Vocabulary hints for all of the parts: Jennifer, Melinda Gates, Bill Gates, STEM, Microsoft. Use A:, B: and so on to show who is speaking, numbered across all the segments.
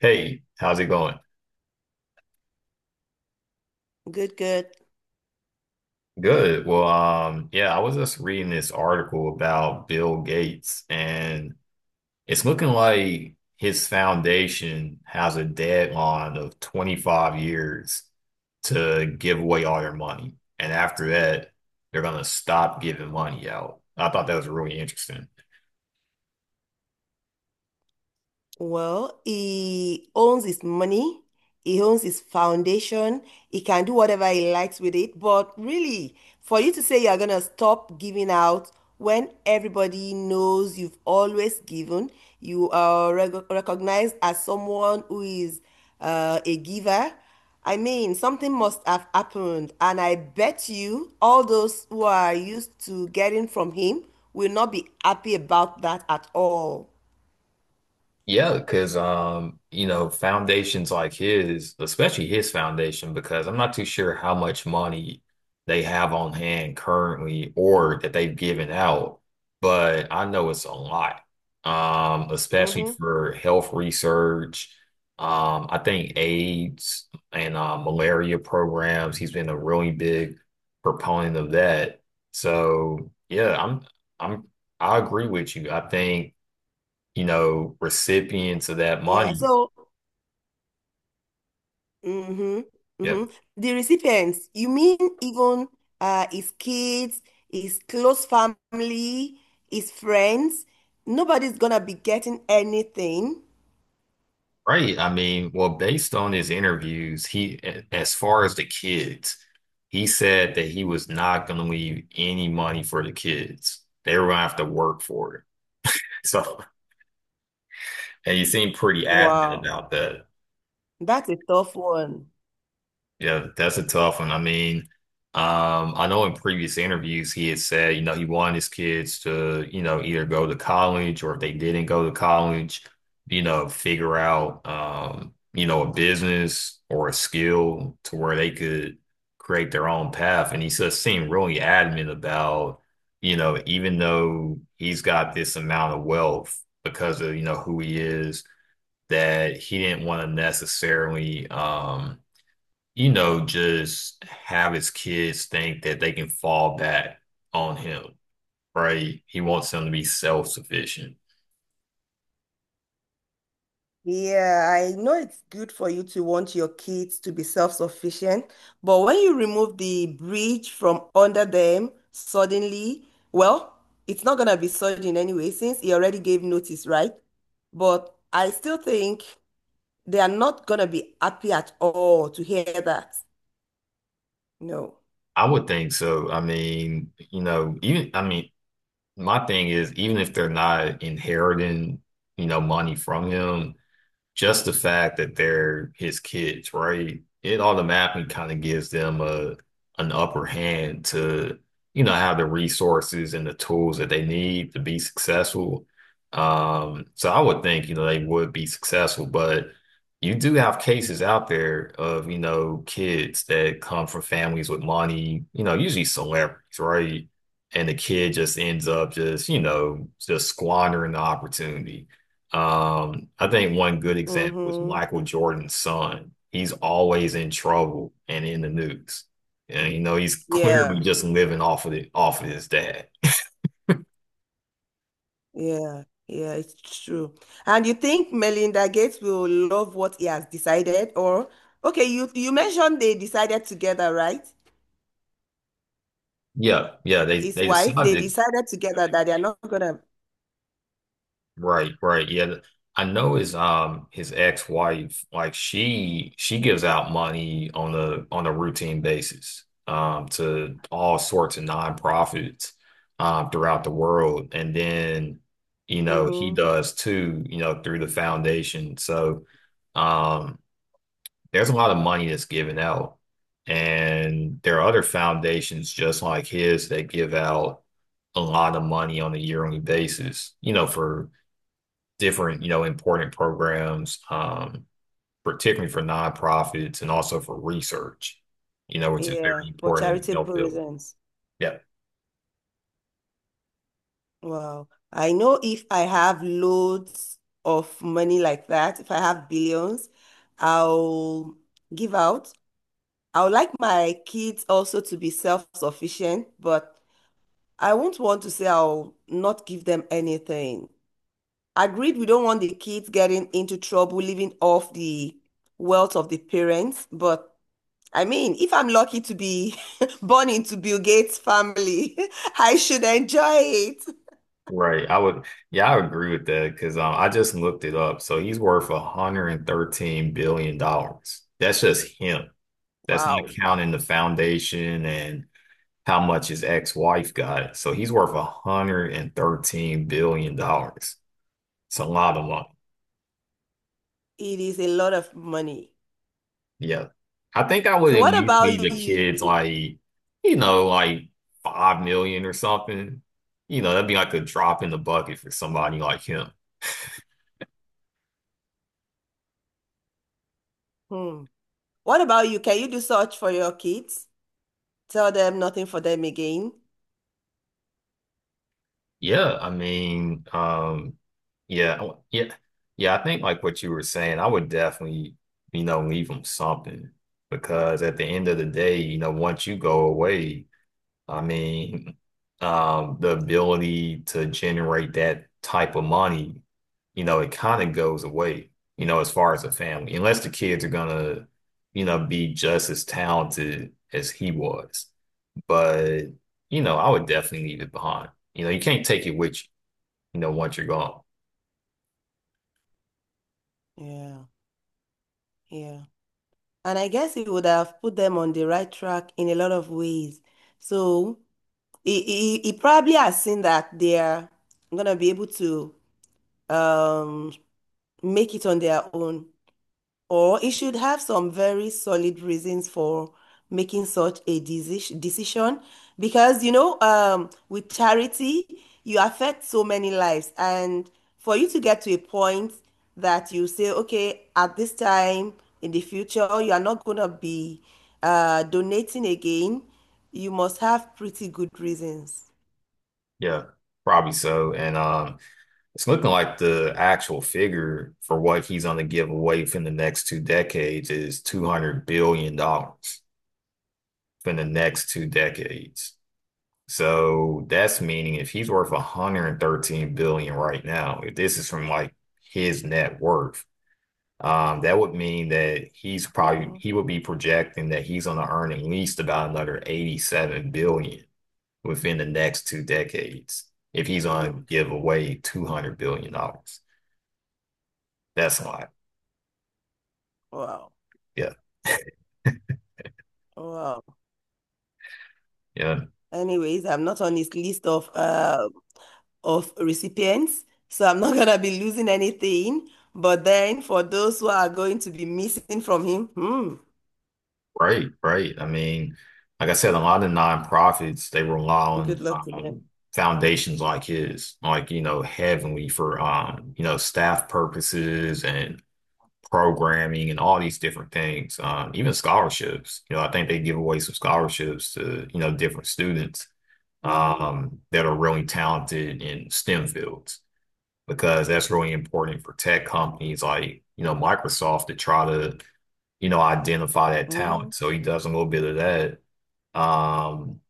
A: Hey, how's it going?
B: Good, good.
A: Good. Well, yeah, I was just reading this article about Bill Gates, and it's looking like his foundation has a deadline of 25 years to give away all their money. And after that, they're gonna stop giving money out. I thought that was really interesting.
B: Well, he owns his money, he owns his foundation, he can do whatever he likes with it. But really, for you to say you're gonna stop giving out when everybody knows you've always given, you are recognized as someone who is a giver. I mean, something must have happened, and I bet you all those who are used to getting from him will not be happy about that at all.
A: Yeah, because foundations like his, especially his foundation, because I'm not too sure how much money they have on hand currently or that they've given out, but I know it's a lot. Especially
B: Mhm.
A: for health research. I think AIDS and malaria programs, he's been a really big proponent of that. So yeah, I'm I agree with you. I think recipients of that
B: Yeah,
A: money.
B: so mm-hmm,
A: Yeah,
B: mm-hmm. The recipients, you mean even his kids, his close family, his friends, nobody's gonna be getting anything.
A: right. I mean, well, based on his interviews, he, as far as the kids, he said that he was not going to leave any money for the kids. They were going to have to work for it. So, and he seemed pretty adamant
B: Wow,
A: about that.
B: that's a tough one.
A: Yeah, that's a tough one. I mean, I know in previous interviews he had said, he wanted his kids to, either go to college or if they didn't go to college, figure out, a business or a skill to where they could create their own path. And he just seemed really adamant about, even though he's got this amount of wealth because of, who he is, that he didn't want to necessarily, just have his kids think that they can fall back on him, right? He wants them to be self-sufficient.
B: Yeah, I know it's good for you to want your kids to be self-sufficient, but when you remove the bridge from under them suddenly, well, it's not gonna be sudden anyway, since he already gave notice, right? But I still think they are not gonna be happy at all to hear that. No.
A: I would think so. I mean, even I mean, my thing is even if they're not inheriting, money from him, just the fact that they're his kids, right? It automatically kind of gives them a an upper hand to, have the resources and the tools that they need to be successful. So I would think, they would be successful, but you do have cases out there of, kids that come from families with money, usually celebrities, right? And the kid just ends up just, just squandering the opportunity. I think one good example is
B: Mm-hmm.
A: Michael Jordan's son. He's always in trouble and in the news. And he's clearly
B: Yeah.
A: just living off of it, off of his dad.
B: Yeah, yeah, it's true. And you think Melinda Gates will love what he has decided, or okay, you mentioned they decided together, right?
A: Yeah, yeah, they
B: His
A: they
B: wife, they
A: decided
B: decided together that they are not gonna.
A: right, right. Yeah. I know his ex-wife, like she gives out money on a routine basis to all sorts of nonprofits throughout the world. And then, he
B: Hmm.
A: does too, through the foundation. So um there's a lot of money that's given out. And there are other foundations just like his that give out a lot of money on a yearly basis, for different, important programs, particularly for nonprofits and also for research, which is
B: Yeah,
A: very
B: for
A: important in the health
B: charitable
A: field.
B: reasons.
A: Yeah,
B: Wow. I know if I have loads of money like that, if I have billions, I'll give out. I would like my kids also to be self-sufficient, but I won't want to say I'll not give them anything. Agreed, we don't want the kids getting into trouble, living off the wealth of the parents. But I mean, if I'm lucky to be born into Bill Gates' family, I should enjoy it.
A: right. I would, yeah, I would agree with that because I just looked it up. So he's worth $113 billion dollars. That's just him. That's not
B: Wow,
A: counting the foundation and how much his ex-wife got. So he's worth $113 billion dollars. It's a lot of money.
B: it is a lot of money.
A: Yeah. I think I would
B: So
A: at
B: what
A: least leave
B: about
A: the
B: you?
A: kids like, like 5 million or something. That'd be like a drop in the bucket for somebody like him.
B: Hmm. What about you? Can you do such for your kids? Tell them nothing for them again.
A: Yeah, I mean, yeah, yeah, yeah. I think like what you were saying, I would definitely, leave them something because at the end of the day, once you go away, I mean, the ability to generate that type of money, it kind of goes away, as far as a family, unless the kids are gonna, be just as talented as he was. But, I would definitely leave it behind. You can't take it with you, once you're gone.
B: Yeah, yeah. And I guess he would have put them on the right track in a lot of ways. So he probably has seen that they're gonna be able to um, make it on their own. Or it should have some very solid reasons for making such a decision. Because, you know, with charity, you affect so many lives. And for you to get to a point that you say, okay, at this time in the future, you are not going to be donating again, you must have pretty good reasons.
A: Yeah, probably so. And it's looking like the actual figure for what he's gonna give away from the next two decades is $200 billion dollars. For the next two decades. So that's meaning if he's worth $113 billion right now, if this is from like his net worth, that would mean that he's probably
B: Hmm.
A: he would be projecting that he's going to earn at least about another $87 billion within the next two decades if he's going to give away $200 billion. That's a lot.
B: Wow.
A: Yeah.
B: Wow.
A: Yeah.
B: Anyways, I'm not on his list of recipients, so I'm not gonna be losing anything. But then for those who are going to be missing from him, hmm,
A: Right, right. I mean, like I said, a lot of nonprofits they rely
B: good
A: on
B: luck to them.
A: foundations like his, like Heavenly for staff purposes and programming and all these different things. Even scholarships. I think they give away some scholarships to different students
B: Hmm.
A: that are really talented in STEM fields because that's really important for tech companies like Microsoft to try to identify that
B: Hmm.
A: talent. So he does a little bit of that. Um,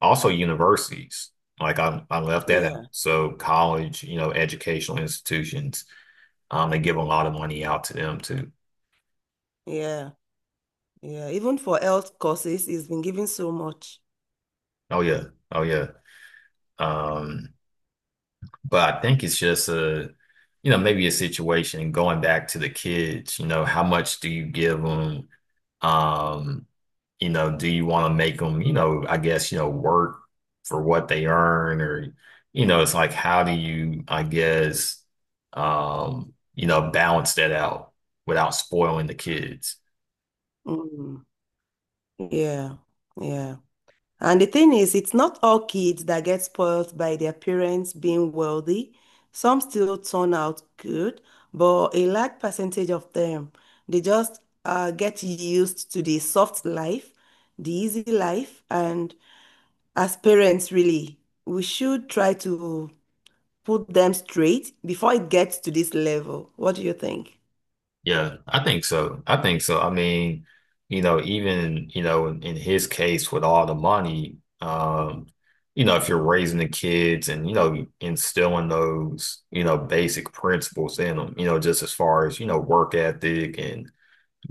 A: also universities. Like I left that out.
B: Yeah,
A: So college, educational institutions, they give a lot of money out to them too.
B: yeah, yeah. Even for health courses, he's been giving so much.
A: Oh yeah. Oh yeah. Um, but I think it's just a, maybe a situation going back to the kids, how much do you give them? Um, do you want to make them, I guess, work for what they earn or, it's like, how do you, I guess, balance that out without spoiling the kids?
B: Mm. Yeah, yeah. And the thing is, it's not all kids that get spoiled by their parents being wealthy. Some still turn out good, but a large percentage of them, they just get used to the soft life, the easy life. And as parents, really, we should try to put them straight before it gets to this level. What do you think?
A: Yeah, I think so. I think so. I mean, even, in his case with all the money, if you're raising the kids and, instilling those, basic principles in them, just as far as, work ethic and,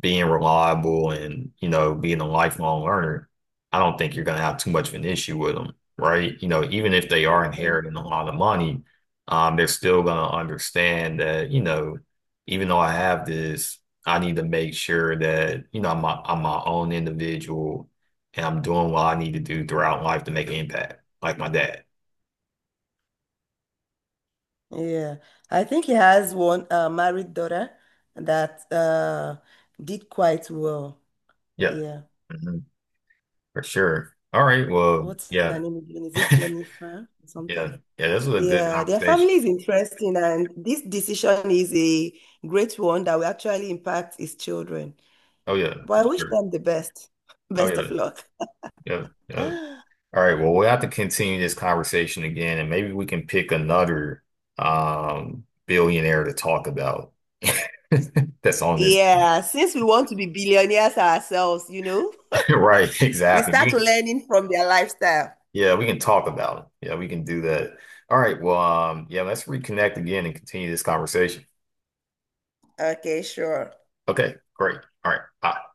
A: being reliable and, being a lifelong learner, I don't think you're going to have too much of an issue with them, right? Even if they are
B: Mhm.
A: inheriting a lot of money, they're still going to understand that, even though I have this, I need to make sure that, I'm my own individual and I'm doing what I need to do throughout life to make an impact, like my dad.
B: Yeah, I think he has one married daughter that did quite well.
A: Yeah,
B: Yeah.
A: mhm, for sure. All right. Well,
B: What's her
A: yeah.
B: name again? Is it Jennifer or something?
A: Yeah. Yeah. This was a good
B: Yeah, their
A: conversation.
B: family is interesting, and this decision is a great one that will actually impact his children.
A: Oh, yeah, for
B: But I wish
A: sure.
B: them the best.
A: Oh,
B: Best of
A: yeah.
B: luck.
A: Yep, yep. All right. Well, we'll have to continue this conversation again, and maybe we can pick another billionaire to talk about that's on this.
B: Yeah, since we want to be billionaires ourselves, you know,
A: Right,
B: we
A: exactly.
B: start
A: We
B: learning from their lifestyle.
A: yeah, we can talk about it. Yeah, we can do that. All right. Well, yeah, let's reconnect again and continue this conversation.
B: Okay, sure.
A: Okay, great. All right. Bye.